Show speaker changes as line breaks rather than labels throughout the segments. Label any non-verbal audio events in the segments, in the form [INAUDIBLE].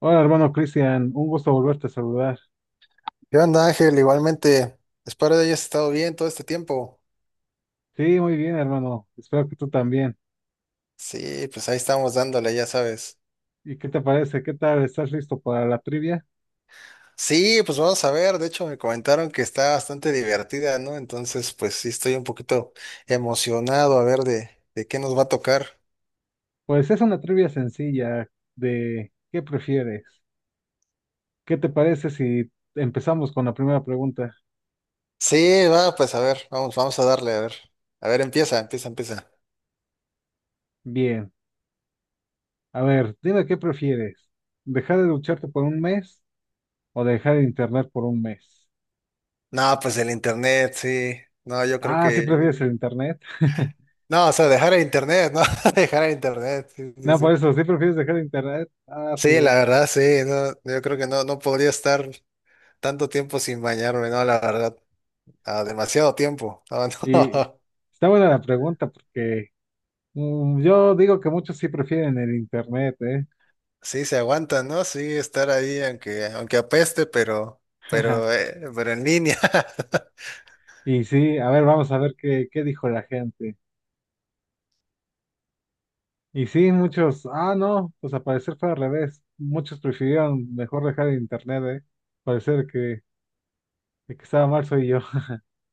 Hola, hermano Cristian, un gusto volverte a saludar.
¿Qué onda, Ángel? Igualmente, espero que hayas estado bien todo este tiempo.
Sí, muy bien, hermano. Espero que tú también.
Sí, pues ahí estamos dándole, ya sabes.
¿Y qué te parece? ¿Qué tal? ¿Estás listo para la trivia?
Sí, pues vamos a ver, de hecho me comentaron que está bastante divertida, ¿no? Entonces, pues sí, estoy un poquito emocionado a ver de qué nos va a tocar.
Pues es una trivia sencilla de ¿qué prefieres? ¿Qué te parece si empezamos con la primera pregunta?
Sí, va, pues a ver, vamos, vamos a darle, a ver. A ver, empieza, empieza, empieza.
Bien. A ver, dime qué prefieres. ¿Dejar de ducharte por un mes o dejar el internet por un mes?
No, pues el internet, sí. No, yo creo
Ah, sí prefieres
que.
el internet. [LAUGHS]
No, o sea, dejar el internet, ¿no? [LAUGHS] Dejar el internet, sí, sí,
No, por
sí.
eso, sí prefieres dejar el internet. Ah, su
Sí,
bro.
la verdad, sí, no, yo creo que no podría estar. Tanto tiempo sin bañarme, no, la verdad, demasiado tiempo. [LAUGHS]
Y
No.
está buena la pregunta porque yo digo que muchos sí prefieren el internet, ¿eh?
Sí, se aguanta, ¿no? Sí, estar ahí, aunque apeste, pero, pero,
[LAUGHS]
eh, pero en línea. [LAUGHS]
Y sí, a ver, vamos a ver qué dijo la gente. Y sí, muchos, no, pues al parecer fue al revés. Muchos prefirieron mejor dejar el internet, ¿eh? Parecer que el que estaba mal soy yo.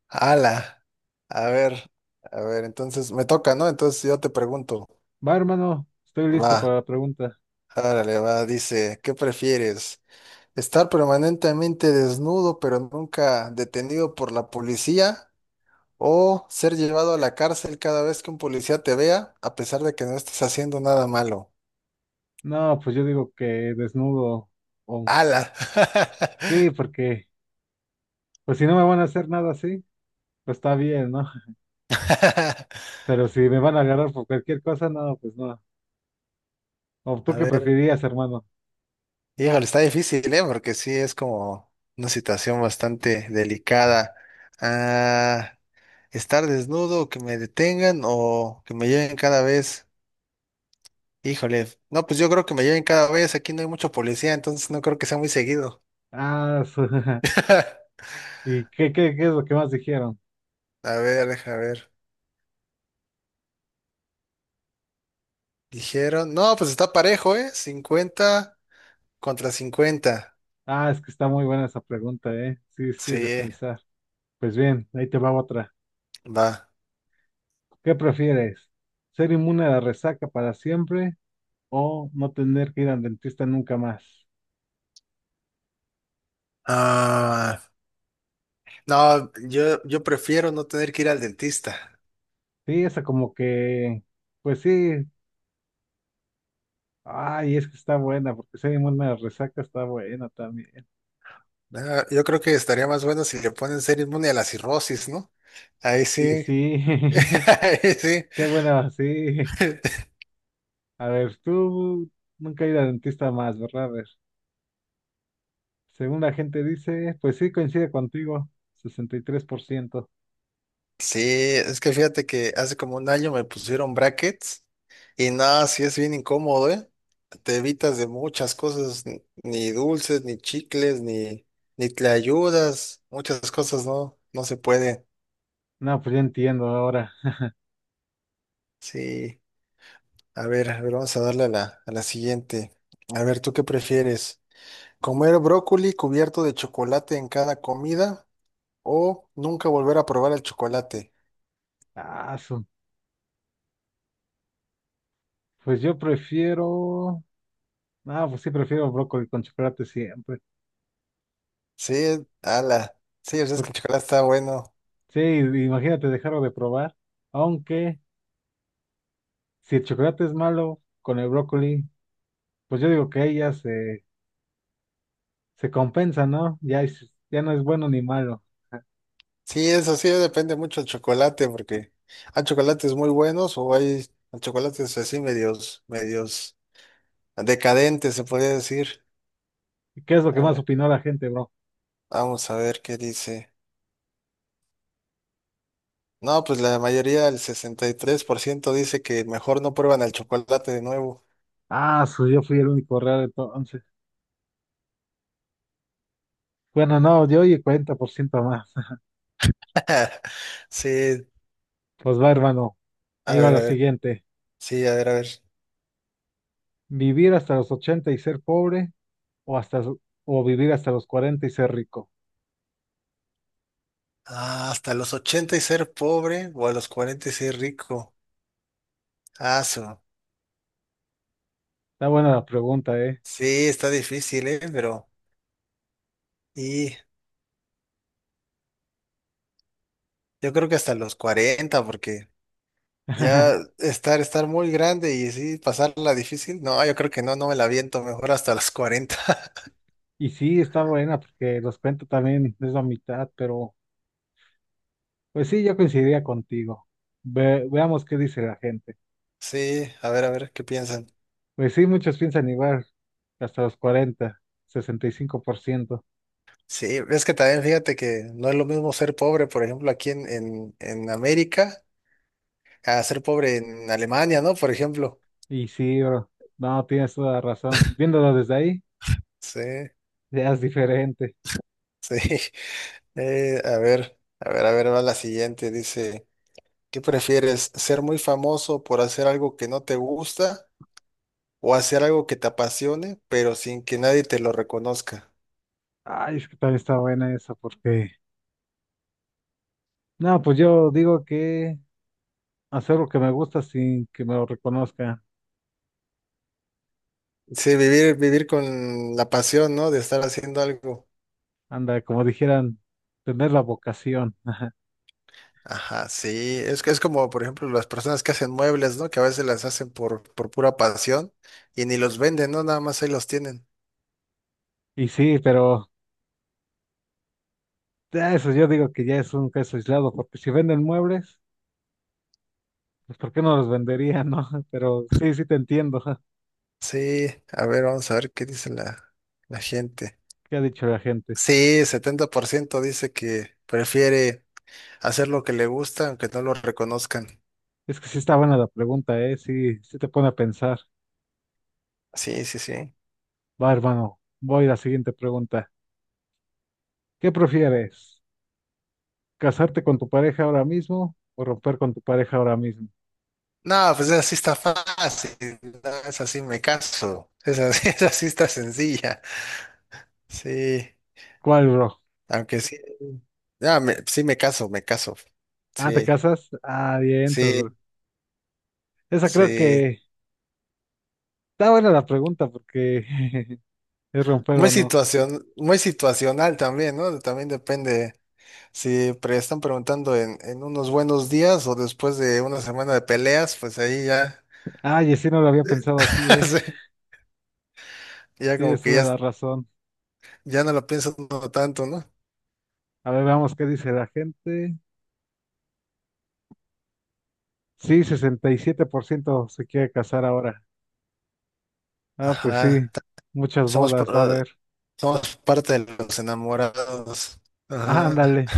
Ala. A ver, a ver, entonces me toca, ¿no? Entonces yo te pregunto,
[LAUGHS] Va, hermano, estoy listo
va,
para la pregunta.
árale, va, dice, ¿qué prefieres? ¿Estar permanentemente desnudo, pero nunca detenido por la policía? O ser llevado a la cárcel cada vez que un policía te vea, a pesar de que no estés haciendo nada malo.
No, pues yo digo que desnudo. o-
¡Hala!
sí, porque, pues si no me van a hacer nada así, pues está bien, ¿no?
[LAUGHS]
[LAUGHS] Pero si me van a agarrar por cualquier cosa, no, pues no. ¿O tú
A
qué
ver,
preferirías, hermano?
híjole, está difícil, ¿eh? Porque sí es como una situación bastante delicada. Ah, Estar desnudo, que me detengan o que me lleven cada vez. Híjole, no, pues yo creo que me lleven cada vez. Aquí no hay mucho policía, entonces no creo que sea muy seguido.
Ah, su- [LAUGHS]
[LAUGHS]
¿Y qué es lo que más dijeron?
A ver, deja ver. Dijeron, no, pues está parejo, ¿eh? 50-50.
Ah, es que está muy buena esa pregunta, ¿eh? Sí, sí, es de
Sí,
pensar. Pues bien, ahí te va otra.
va.
¿Qué prefieres? ¿Ser inmune a la resaca para siempre o no tener que ir al dentista nunca más?
Ah, no, yo prefiero no tener que ir al dentista.
Sí, esa como que, pues sí, ay, es que está buena, porque ser inmune a la resaca está buena también.
Yo creo que estaría más bueno si le ponen ser inmune a la cirrosis, ¿no? Ahí
Y
sí.
sí, [LAUGHS]
[LAUGHS] Ahí sí.
qué buena, sí.
[LAUGHS]
A ver, tú nunca ir al dentista más, ¿verdad? A ver. Según la gente dice, pues sí coincide contigo, sesenta y tres por ciento.
Sí, es que fíjate que hace como un año me pusieron brackets y nada, sí es bien incómodo, ¿eh? Te evitas de muchas cosas, ni dulces, ni chicles, ni te ayudas, muchas cosas no se pueden.
No, pues ya entiendo ahora.
Sí. A ver, vamos a darle a la siguiente. A ver, ¿tú qué prefieres? ¿Comer brócoli cubierto de chocolate en cada comida o nunca volver a probar el chocolate?
Ah, su- pues yo prefiero. No, pues sí, prefiero brócoli con chocolate siempre.
Sí, ala. Sí, o sea, es que
Por-
el chocolate está bueno.
Sí, imagínate dejarlo de probar. Aunque si el chocolate es malo con el brócoli, pues yo digo que ahí ya se compensa, ¿no? Ya, ya no es bueno ni malo. [LAUGHS]
Sí, eso sí, depende mucho del chocolate, porque hay chocolates muy buenos o hay chocolates así medios, medios decadentes, se podría decir.
¿Y qué es lo que
A
más
ver,
opinó la gente, bro?
vamos a ver qué dice. No, pues la mayoría, el 63% dice que mejor no prueban el chocolate de nuevo.
Ah, su, yo fui el único raro entonces. Bueno, no, yo y el 40% más. [LAUGHS]
[LAUGHS] Sí,
Pues va, hermano.
a
Ahí va
ver,
la
a ver.
siguiente.
Sí, a ver, a ver.
¿Vivir hasta los 80 y ser pobre o hasta o vivir hasta los 40 y ser rico?
Hasta los 80 y ser pobre o a los 40 y ser rico. Ah, su-
Está buena la pregunta, ¿eh?
Sí, está difícil, ¿eh? Y yo creo que hasta los 40, porque ya
[LAUGHS]
estar muy grande y sí, pasarla difícil. No, yo creo que no me la aviento, mejor hasta los 40. [LAUGHS]
Y sí, está buena porque los cuento también es la mitad, pero pues sí, yo coincidiría contigo. Veamos qué dice la gente.
Sí, a ver, ¿qué piensan?
Pues sí, muchos piensan igual, hasta los 40, 65%.
Sí, es que también fíjate que no es lo mismo ser pobre, por ejemplo, aquí en América, a ser pobre en Alemania, ¿no? Por ejemplo.
Y cinco por ciento. Y sí, bro, no, tienes toda la razón. Viéndolo desde ahí,
Sí,
ya es diferente.
sí. [LAUGHS] A ver, a ver, a ver, va la siguiente. Dice, ¿qué prefieres? ¿Ser muy famoso por hacer algo que no te gusta o hacer algo que te apasione, pero sin que nadie te lo reconozca?
Ay, es que también está buena esa porque no, pues yo digo que hacer lo que me gusta sin que me lo reconozcan.
Sí, vivir, vivir con la pasión, ¿no? De estar haciendo algo.
Anda, como dijeran, tener la vocación. [LAUGHS]
Ajá, sí, es que es como, por ejemplo, las personas que hacen muebles, ¿no? Que a veces las hacen por pura pasión y ni los venden, ¿no? Nada más ahí los tienen.
Y sí, pero ya eso yo digo que ya es un caso aislado, porque si venden muebles, pues ¿por qué no los venderían, no? [LAUGHS] Pero sí, sí te entiendo. [LAUGHS]
Sí, a ver, vamos a ver qué dice la gente.
¿Qué ha dicho la gente?
Sí, 70% dice que prefiere hacer lo que le gusta aunque no lo reconozcan.
Es que sí está buena la pregunta, ¿eh? Sí, sí te pone a pensar.
Sí, sí, sí.
Va, hermano, voy a la siguiente pregunta. ¿Qué prefieres? ¿Casarte con tu pareja ahora mismo o romper con tu pareja ahora mismo?
No, pues así está fácil, no es así me caso, es así, [LAUGHS] esa sí está sencilla. Sí,
¿Cuál, bro?
aunque sí, ya, sí me caso, me caso.
Ah, ¿te
Sí.
casas? Ah, bien, entonces, bro.
Sí,
Esa creo
sí.
que está buena la pregunta porque [LAUGHS] es romper
Muy
o no.
situación, muy situacional también, ¿no? También depende si están preguntando en unos buenos días o después de una semana de peleas, pues ahí ya,
Ay, sí, no lo había pensado así,
[LAUGHS]
¿eh?
sí, ya como
Tienes
que
toda
ya,
la razón.
ya no lo pienso tanto, ¿no?
A ver, veamos qué dice la gente. Sí, 67% se quiere casar ahora. Ah, pues sí,
Ajá.
muchas
Somos, pa-
bodas va a haber.
somos parte de los enamorados.
Ah,
Ajá.
ándale.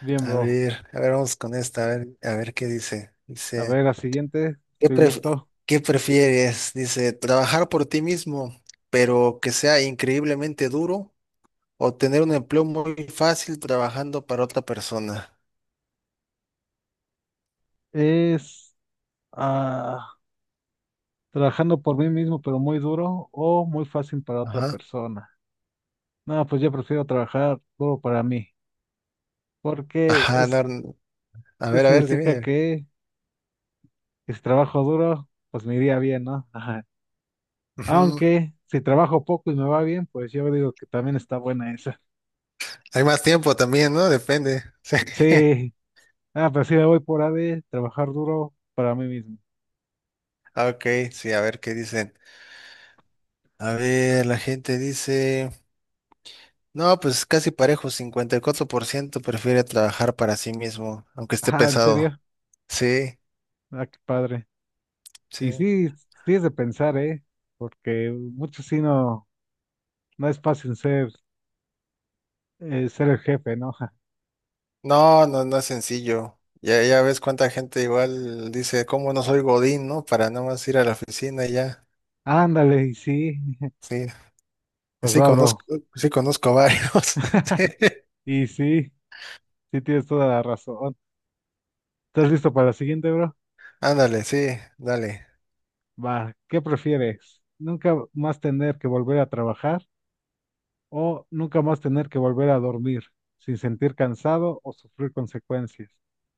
Bien, bro.
A ver, vamos con esta, a ver qué dice.
A
Dice.
ver, la siguiente.
¿Qué
Estoy
pref-
listo.
qué prefieres? Dice, trabajar por ti mismo, pero que sea increíblemente duro, o tener un empleo muy fácil trabajando para otra persona.
Es ah, Trabajando por mí mismo, pero muy duro o muy fácil para otra
Ajá.
persona. No, pues yo prefiero trabajar duro para mí, porque
Ajá, no,
es
a ver,
significa
dime.
que y si trabajo duro, pues me iría bien, ¿no? Ajá.
Ujú.
Aunque si trabajo poco y me va bien, pues yo digo que también está buena esa. [LAUGHS]
Hay más tiempo también, ¿no? Depende. [LAUGHS] Sí.
Sí, pero sí me voy por AD, trabajar duro para mí mismo.
Ok, sí, a ver qué dicen. A ver, la gente dice, no, pues casi parejo, 54% prefiere trabajar para sí mismo, aunque esté
Ajá, ¿en
pesado.
serio?
Sí,
Ah, qué padre. Y
sí.
sí, sí es de pensar, ¿eh? Porque muchos sí no es fácil ser, ser el jefe, ¿no? Ja.
No, no, no es sencillo. Ya ves cuánta gente igual dice, ¿cómo no soy Godín, no? Para nada más ir a la oficina y ya.
Ándale, y sí,
Sí,
pues
sí
va, bro.
conozco, sí conozco varios. [LAUGHS] Sí.
Y sí, sí tienes toda la razón. ¿Estás listo para la siguiente, bro?
Ándale, sí, dale.
Va, ¿qué prefieres? ¿Nunca más tener que volver a trabajar o nunca más tener que volver a dormir sin sentir cansado o sufrir consecuencias?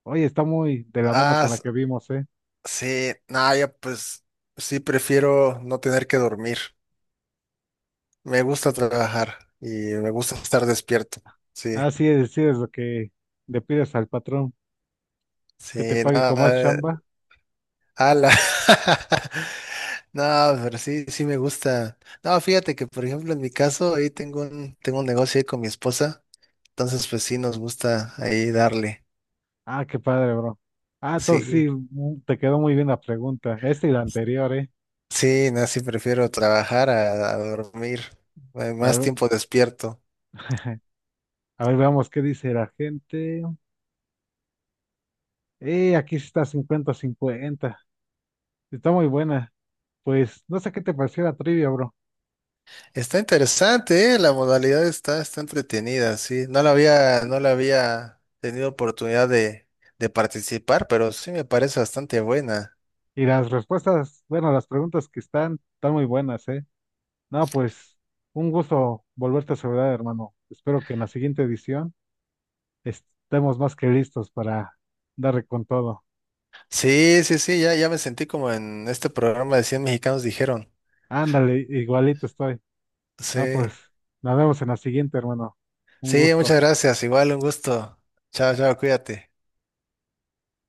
Oye, está muy de la mano
Ah,
con la
s-
que vimos, ¿eh?
sí, nada, ya pues sí prefiero no tener que dormir. Me gusta trabajar y me gusta estar despierto. Sí,
Ah, sí, es lo que le pides al patrón, que te
sí,
pague con más
nada.
chamba.
Ala. [LAUGHS] No, pero sí, sí me gusta. No, fíjate que, por ejemplo, en mi caso, ahí tengo un negocio ahí con mi esposa, entonces pues sí nos gusta ahí darle.
Ah, qué padre, bro. Ah, entonces
Sí,
sí, te quedó muy bien la pregunta. Esta y la anterior, ¿eh?
sí, no, sí prefiero trabajar a dormir,
A
más
ver,
tiempo despierto.
a ver, veamos qué dice la gente. Aquí sí está cincuenta cincuenta. Está muy buena. Pues no sé qué te pareció la trivia, bro.
Está interesante, ¿eh? La modalidad está entretenida, sí. No la había tenido oportunidad de participar, pero sí me parece bastante buena.
Y las respuestas, bueno, las preguntas que están, están muy buenas, ¿eh? No, pues un gusto volverte a saludar, hermano. Espero que en la siguiente edición estemos más que listos para darle con todo.
Sí, sí, sí, ya me sentí como en este programa de 100 mexicanos dijeron.
Ándale, igualito estoy.
Sí,
Ah, pues nos vemos en la siguiente, hermano. Un
sí, muchas
gusto.
gracias. Igual un gusto. Chao, chao, cuídate.